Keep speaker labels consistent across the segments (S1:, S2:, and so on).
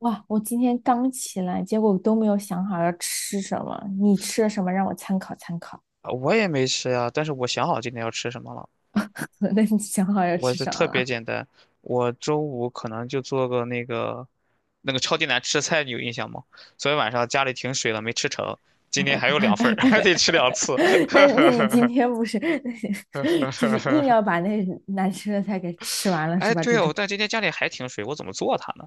S1: 哇，我今天刚起来，结果都没有想好要吃什么。你吃了什么，让我参考参考。
S2: 啊，我也没吃呀，但是我想好今天要吃什么了。
S1: 那你想好要
S2: 我
S1: 吃
S2: 这
S1: 什么
S2: 特别
S1: 了？
S2: 简单，我周五可能就做个那个超级难吃的菜，你有印象吗？昨天晚上家里停水了，没吃成，今天还有2份儿，还 得吃2次。
S1: 那你今天不是 就是硬要 把那难吃的菜给吃完了是
S2: 哎，
S1: 吧？
S2: 对
S1: 这种。
S2: 哦，但今天家里还停水，我怎么做它呢？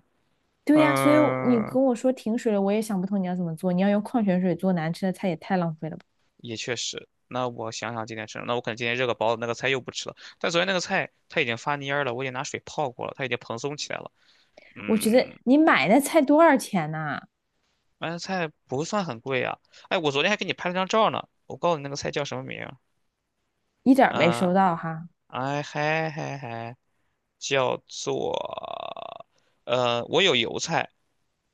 S1: 对呀，所以你
S2: 嗯，
S1: 跟我说停水了，我也想不通你要怎么做。你要用矿泉水做难吃的菜，也太浪费了吧。
S2: 也确实。那我想想今天吃什么，那我可能今天热个包子，那个菜又不吃了。但昨天那个菜它已经发蔫儿了，我已经拿水泡过了，它已经蓬松起来了。
S1: 我觉得
S2: 嗯，
S1: 你买那菜多少钱呐、
S2: 买的菜不算很贵啊。哎，我昨天还给你拍了张照呢，我告诉你那个菜叫什么名儿，
S1: 一点儿没
S2: 嗯，
S1: 收到哈。
S2: 哎嗨嗨嗨，叫做我有油菜，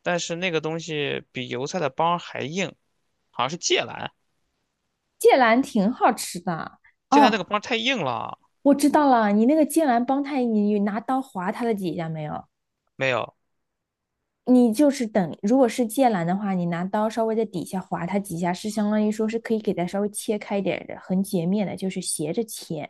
S2: 但是那个东西比油菜的帮还硬，好像是芥兰。
S1: 芥蓝挺好吃的。
S2: 芥兰那个
S1: 哦，
S2: 帮太硬了，
S1: 我知道了，你那个剑兰帮他，你拿刀划他的几下没有？
S2: 没有，
S1: 你就是等，如果是剑兰的话，你拿刀稍微在底下划它几下，是相当于说是可以给它稍微切开一点的，横截面的，就是斜着切。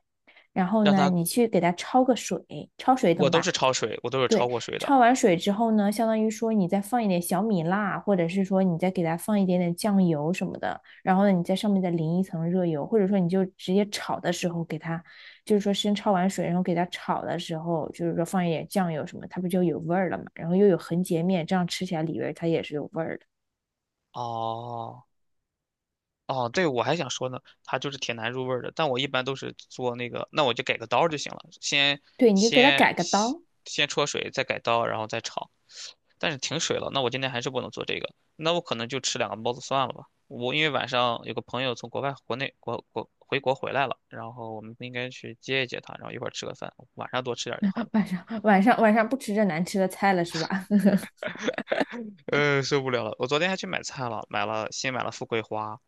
S1: 然后
S2: 让
S1: 呢，
S2: 它，
S1: 你去给它焯个水，焯水懂
S2: 我都
S1: 吧？
S2: 是焯水，我都是
S1: 对，
S2: 焯过水的。
S1: 焯完水之后呢，相当于说你再放一点小米辣，或者是说你再给它放一点点酱油什么的，然后呢，你在上面再淋一层热油，或者说你就直接炒的时候给它，就是说先焯完水，然后给它炒的时候，就是说放一点酱油什么，它不就有味儿了嘛？然后又有横截面，这样吃起来里边儿它也是有味儿的。
S2: 哦，哦，对，我还想说呢，它就是挺难入味儿的，但我一般都是做那个，那我就改个刀儿就行了，
S1: 对，你就给它
S2: 先
S1: 改个
S2: 先
S1: 刀。
S2: 先焯水，再改刀，然后再炒。但是停水了，那我今天还是不能做这个，那我可能就吃2个包子算了吧。我因为晚上有个朋友从国外、国内、回国回来了，然后我们应该去接一接他，然后一块儿吃个饭，晚上多吃点儿就好 了。
S1: 晚上晚上晚上不吃这难吃的菜了是吧？
S2: 受不了了，我昨天还去买菜了，新买了富贵花，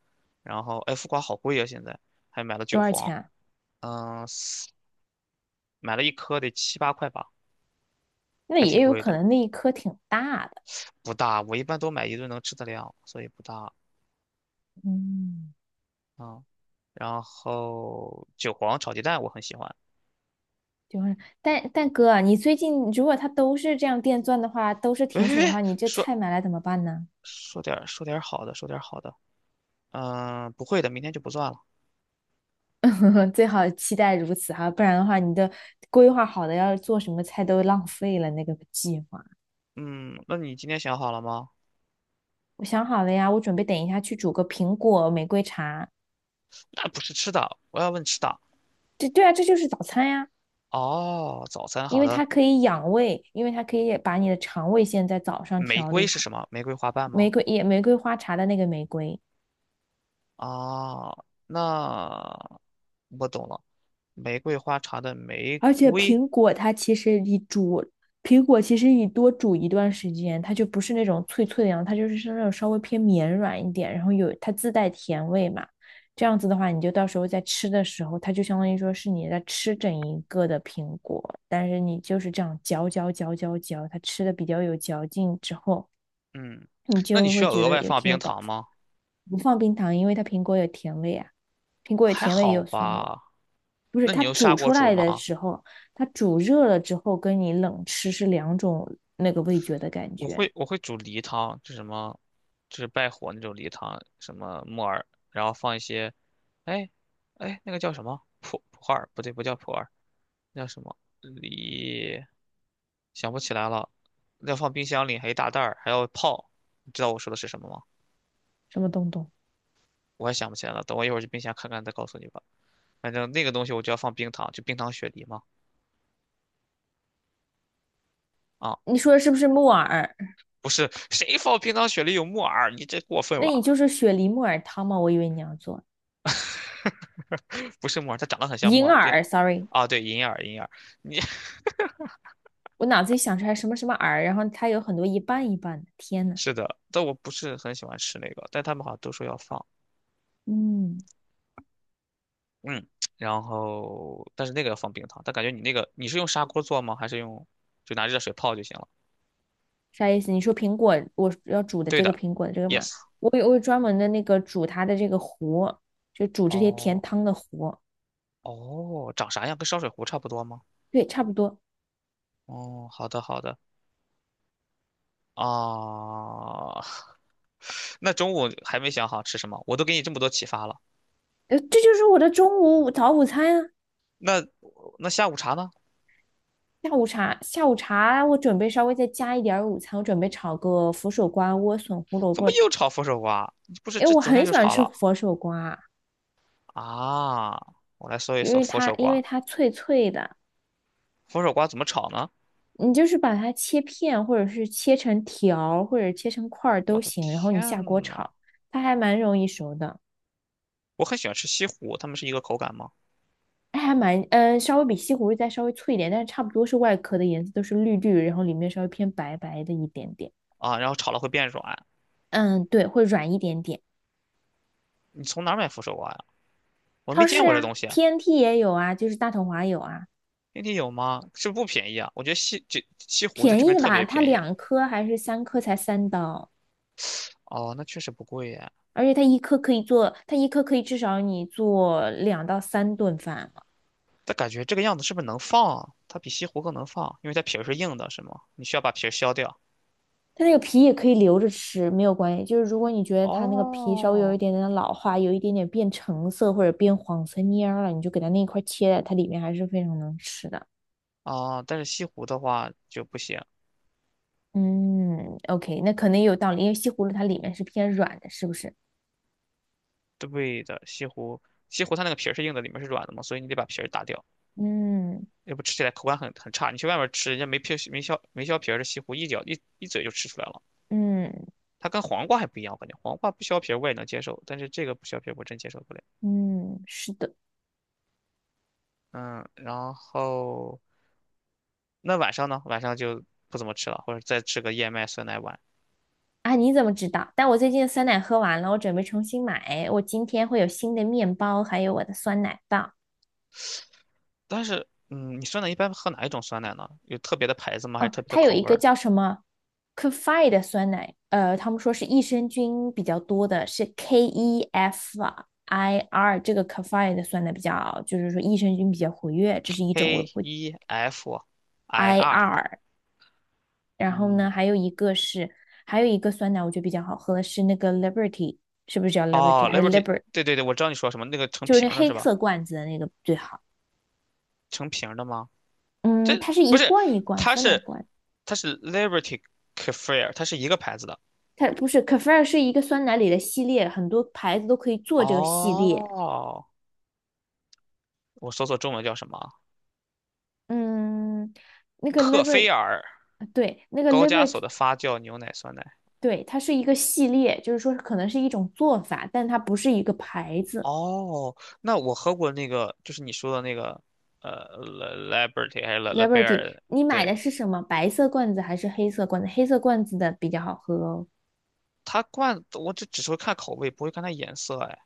S2: 然后哎，富贵花好贵啊，现在还买了
S1: 多
S2: 韭
S1: 少钱
S2: 黄，
S1: 啊？
S2: 嗯、买了1颗得7、8块吧，
S1: 那
S2: 还
S1: 也
S2: 挺
S1: 有
S2: 贵
S1: 可
S2: 的，
S1: 能那一颗挺大的。
S2: 不大。我一般都买一顿能吃的量，所以不大。
S1: 嗯。
S2: 嗯，然后韭黄炒鸡蛋我很喜欢。
S1: 就是，但哥啊你最近如果它都是这样电钻的话，都是
S2: 喂
S1: 停
S2: 喂
S1: 水的
S2: 喂，
S1: 话，你这
S2: 说
S1: 菜买来怎么办呢？
S2: 说点儿说点儿好的，说点儿好的。嗯，不会的，明天就不算了。
S1: 最好期待如此哈，不然的话，你的规划好的要做什么菜都浪费了那个计划。
S2: 嗯，那你今天想好了吗？
S1: 我想好了呀，我准备等一下去煮个苹果玫瑰茶。
S2: 那不是吃的，我要问吃的。
S1: 这对啊，这就是早餐呀，
S2: 哦，早餐
S1: 因
S2: 好
S1: 为它
S2: 的。
S1: 可以养胃，因为它可以把你的肠胃先在早上
S2: 玫
S1: 调
S2: 瑰
S1: 理
S2: 是
S1: 好。
S2: 什么？玫瑰花瓣
S1: 玫
S2: 吗？
S1: 瑰也玫瑰花茶的那个玫瑰。
S2: 哦，那我懂了，玫瑰花茶的玫
S1: 而且
S2: 瑰。
S1: 苹果它其实你煮，苹果其实你多煮一段时间，它就不是那种脆脆的样子它就是是那种稍微偏绵软一点，然后有它自带甜味嘛。这样子的话，你就到时候在吃的时候，它就相当于说是你在吃整一个的苹果，但是你就是这样嚼嚼嚼嚼嚼，它吃的比较有嚼劲之后，
S2: 嗯，
S1: 你
S2: 那你
S1: 就
S2: 需
S1: 会
S2: 要
S1: 觉
S2: 额
S1: 得
S2: 外
S1: 有
S2: 放
S1: 挺有
S2: 冰
S1: 饱
S2: 糖
S1: 腹。
S2: 吗？
S1: 不放冰糖，因为它苹果有甜味啊，苹果有
S2: 还
S1: 甜味也
S2: 好
S1: 有酸味。
S2: 吧。
S1: 不是
S2: 那
S1: 它
S2: 你用砂
S1: 煮
S2: 锅
S1: 出
S2: 煮
S1: 来
S2: 吗？
S1: 的时候，它煮热了之后跟你冷吃是两种那个味觉的感
S2: 我
S1: 觉。
S2: 会我会煮梨汤，就什么，就是败火那种梨汤，什么木耳，然后放一些，哎，哎，那个叫什么普洱？不对，不叫普洱，那叫什么梨？想不起来了。要放冰箱里，还一大袋儿，还要泡。你知道我说的是什么吗？
S1: 什么东东？
S2: 我也想不起来了，等我一会儿去冰箱看看，再告诉你吧。反正那个东西我就要放冰糖，就冰糖雪梨嘛。啊。
S1: 你说的是不是木耳？
S2: 不是，谁放冰糖雪梨有木耳？你这过分
S1: 那你
S2: 了，
S1: 就是雪梨木耳汤吗？我以为你要做
S2: 不是木耳，它长得很像木
S1: 银
S2: 耳病。
S1: 耳，sorry，
S2: 啊，对，银耳，银耳，你，
S1: 我脑子里想出来什么什么耳，然后它有很多一半一半的。天呐，
S2: 是的，但我不是很喜欢吃那个，但他们好像都说要放，
S1: 嗯，
S2: 嗯，然后但是那个要放冰糖，但感觉你那个你是用砂锅做吗？还是用就拿热水泡就行了？
S1: 啥意思？你说苹果，我要煮的
S2: 对
S1: 这个
S2: 的
S1: 苹果的这个嘛，
S2: ，yes。
S1: 我有专门的那个煮它的这个壶，就煮这些甜
S2: 哦
S1: 汤的壶。
S2: 哦，长啥样？跟烧水壶差不多吗？
S1: 对，差不多。
S2: 哦，好的好的啊，那中午还没想好吃什么，我都给你这么多启发了，
S1: 这就是我的中午早午餐啊。
S2: 那那下午茶呢？
S1: 下午茶，下午茶我准备稍微再加一点儿午餐，我准备炒个佛手瓜莴笋胡萝
S2: 怎
S1: 卜，
S2: 么又炒佛手瓜？不是，
S1: 因为
S2: 这
S1: 我
S2: 昨
S1: 很
S2: 天就
S1: 喜欢
S2: 炒
S1: 吃
S2: 了
S1: 佛手瓜，
S2: 啊！我来搜一
S1: 因
S2: 搜
S1: 为
S2: 佛
S1: 它
S2: 手
S1: 因
S2: 瓜，
S1: 为它脆脆的，
S2: 佛手瓜怎么炒呢？
S1: 你就是把它切片，或者是切成条儿或者切成块儿
S2: 我
S1: 都
S2: 的
S1: 行，然后你下锅
S2: 天呐，
S1: 炒，它还蛮容易熟的，
S2: 我很喜欢吃西葫，它们是一个口感吗？
S1: 它还蛮嗯、稍微比西葫芦再稍微脆一点，但是差不多是外壳的颜色都是绿绿，然后里面稍微偏白白的一点点，
S2: 啊，然后炒了会变软。
S1: 嗯，对，会软一点点。
S2: 你从哪儿买佛手瓜呀？我没
S1: 超
S2: 见
S1: 市
S2: 过这
S1: 啊
S2: 东西啊，
S1: ，TNT 也有啊，就是大统华有啊。
S2: 内地有吗？是不是不便宜啊？我觉得西湖在
S1: 便
S2: 这
S1: 宜
S2: 边
S1: 的
S2: 特
S1: 吧，
S2: 别
S1: 它
S2: 便宜。
S1: 两颗还是三颗才三刀，
S2: 哦，那确实不贵耶。
S1: 而且它一颗可以做，它一颗可以至少你做两到三顿饭了。
S2: 但感觉这个样子是不是能放啊？它比西湖更能放，因为它皮儿是硬的，是吗？你需要把皮儿削掉。
S1: 它那个皮也可以留着吃，没有关系。就是如果你觉得它那个皮稍微有一
S2: 哦，
S1: 点点老化，有一点点变橙色或者变黄色蔫儿了，你就给它那一块切了，它里面还是非常能吃的。
S2: 啊，但是西湖的话就不行。
S1: 嗯，OK，那可能也有道理，因为西葫芦它里面是偏软的，是不是？
S2: 对的，西湖它那个皮儿是硬的，里面是软的嘛，所以你得把皮儿打掉，
S1: 嗯
S2: 要不吃起来口感很差。你去外面吃，人家没皮没削没削皮儿的西湖，一咬一嘴就吃出来了。
S1: 嗯
S2: 它跟黄瓜还不一样，我感觉黄瓜不削皮儿我也能接受，但是这个不削皮儿我真接受不了。
S1: 嗯，是的。
S2: 嗯，然后那晚上呢？晚上就不怎么吃了，或者再吃个燕麦酸奶碗。
S1: 啊，你怎么知道？但我最近的酸奶喝完了，我准备重新买。我今天会有新的面包，还有我的酸奶棒。
S2: 但是，你酸奶一般喝哪一种酸奶呢？有特别的牌子吗？还是
S1: 哦，
S2: 特别的
S1: 它有
S2: 口
S1: 一
S2: 味
S1: 个
S2: 儿
S1: 叫什么 Kefir 的酸奶，他们说是益生菌比较多的，是 K E F I R 这个 Kefir 的酸奶比较，就是说益生菌比较活跃，这是一种我
S2: ？K
S1: 会
S2: E F I
S1: I
S2: R，
S1: R。然后呢，
S2: 嗯。
S1: 还有一个是，还有一个酸奶我觉得比较好喝的是那个 Liberty，是不是叫 Liberty？
S2: 哦
S1: 还有
S2: ，Liberty，
S1: Liber？t
S2: 对对对，我知道你说什么，那个成
S1: 就是
S2: 瓶
S1: 那
S2: 儿的
S1: 黑
S2: 是吧？
S1: 色罐子的那个最好。
S2: 成瓶儿的吗？
S1: 嗯，
S2: 这
S1: 它是
S2: 不
S1: 一
S2: 是，
S1: 罐一罐
S2: 它
S1: 酸奶
S2: 是
S1: 罐，
S2: 它是 Liberty Kefir，它是一个牌子的。
S1: 它不是 Kefir 是一个酸奶里的系列，很多牌子都可以做这个系列。
S2: 哦，我搜索中文叫什么啊，
S1: 嗯，那个
S2: 克菲
S1: Liberty，
S2: 尔，
S1: 对，那个
S2: 高加
S1: Liberty，
S2: 索的发酵牛奶酸奶。
S1: 对，它是一个系列，就是说可能是一种做法，但它不是一个牌子。
S2: 哦，那我喝过那个，就是你说的那个，l l i b e r t y 还是 Le Le b e
S1: Liberty，
S2: r。
S1: 你买
S2: 对，
S1: 的是什么？白色罐子还是黑色罐子？黑色罐子的比较好喝哦。
S2: 它罐子我只是会看口味，不会看它颜色。哎，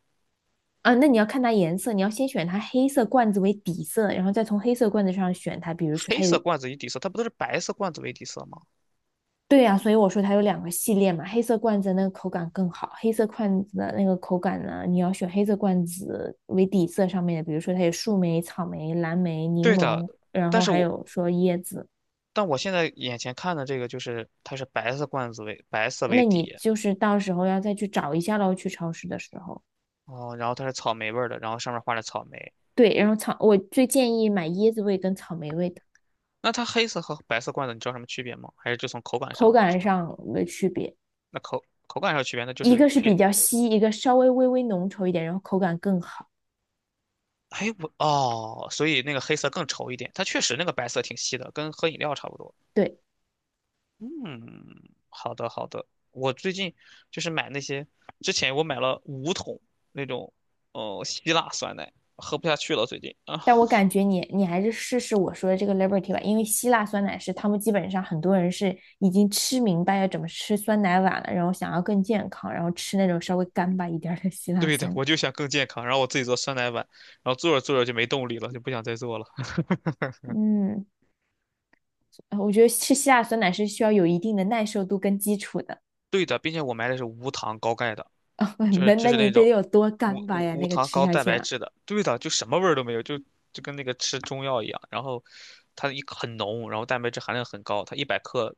S1: 啊，那你要看它颜色，你要先选它黑色罐子为底色，然后再从黑色罐子上选它。比如说
S2: 黑
S1: 它有
S2: 色罐子与底色，它不都是白色罐子为底色吗？
S1: 对呀、所以我说它有两个系列嘛，黑色罐子那个口感更好。黑色罐子的那个口感呢，你要选黑色罐子为底色上面的，比如说它有树莓、草莓、蓝莓、柠
S2: 对的，
S1: 檬，然
S2: 但
S1: 后
S2: 是
S1: 还
S2: 我
S1: 有说椰子。
S2: 但我现在眼前看的这个就是它是白色罐子为白色为
S1: 那你
S2: 底，
S1: 就是到时候要再去找一下喽，去超市的时候。
S2: 哦，然后它是草莓味儿的，然后上面画着草莓。
S1: 对，然后草，我最建议买椰子味跟草莓味的，
S2: 那它黑色和白色罐子你知道什么区别吗？还是就从口感
S1: 口
S2: 上知
S1: 感
S2: 道？
S1: 上的区别，
S2: 那口感上有区别，那就
S1: 一
S2: 是
S1: 个是比
S2: 配。
S1: 较稀，一个稍微微微浓稠一点，然后口感更好。
S2: 哎，我哦，所以那个黑色更稠一点，它确实那个白色挺稀的，跟喝饮料差不多。
S1: 对。
S2: 嗯，好的好的，我最近就是买那些，之前我买了5桶那种，哦，希腊酸奶，喝不下去了最近啊。
S1: 但我感觉你还是试试我说的这个 Liberty 吧，因为希腊酸奶是他们基本上很多人是已经吃明白要怎么吃酸奶碗了，然后想要更健康，然后吃那种稍微干巴一点的希腊
S2: 对的，
S1: 酸奶。
S2: 我就想更健康，然后我自己做酸奶碗，然后做着做着就没动力了，就不想再做了。
S1: 嗯，我觉得吃希腊酸奶是需要有一定的耐受度跟基础的。
S2: 对的，并且我买的是无糖高钙的，就 是
S1: 那
S2: 就
S1: 那
S2: 是
S1: 你
S2: 那
S1: 得
S2: 种
S1: 有多
S2: 无
S1: 干巴
S2: 无
S1: 呀？
S2: 无
S1: 那个
S2: 糖
S1: 吃
S2: 高
S1: 下
S2: 蛋
S1: 去
S2: 白
S1: 啊，
S2: 质的。对的，就什么味儿都没有，就跟那个吃中药一样。然后它一很浓，然后蛋白质含量很高，它100克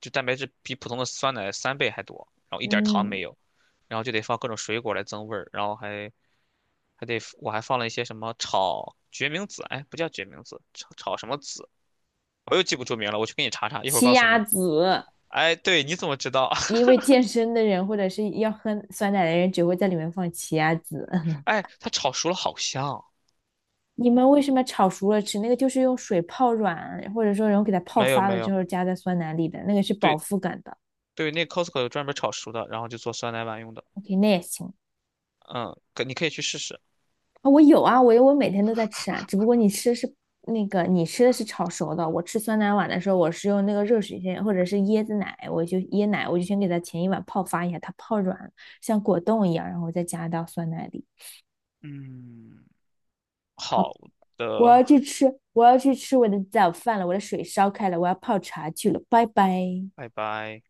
S2: 就蛋白质比普通的酸奶3倍还多，然后一点儿糖
S1: 嗯，
S2: 没有，然后就得放各种水果来增味儿，然后还得我还放了一些什么炒决明子，哎，不叫决明子，炒什么子？我又记不住名了，我去给你查查，一会儿
S1: 奇
S2: 告诉
S1: 亚
S2: 你。
S1: 籽，
S2: 哎，对，你怎么知道？
S1: 因 为健身的人或者是要喝酸奶的人只会在里面放奇亚籽。
S2: 哎，它炒熟了好香。
S1: 你们为什么炒熟了吃？那个就是用水泡软，或者说然后给它泡
S2: 没有
S1: 发
S2: 没
S1: 了之
S2: 有，
S1: 后加在酸奶里的，那个是饱
S2: 对
S1: 腹感的。
S2: 对，那 Costco 有专门炒熟的，然后就做酸奶碗用的。
S1: OK，那也行
S2: 嗯，可你可以去试试。
S1: 啊，我有啊，我有，我每天都在吃啊，只不过你吃的是那个你吃的是炒熟的，我吃酸奶碗的时候，我是用那个热水先或者是椰子奶，我就椰奶我就先给它前一碗泡发一下，它泡软像果冻一样，然后我再加到酸奶里。
S2: 嗯，好
S1: 好，
S2: 的，
S1: 我要去吃，我要去吃我的早饭了，我的水烧开了，我要泡茶去了，拜拜。
S2: 拜拜。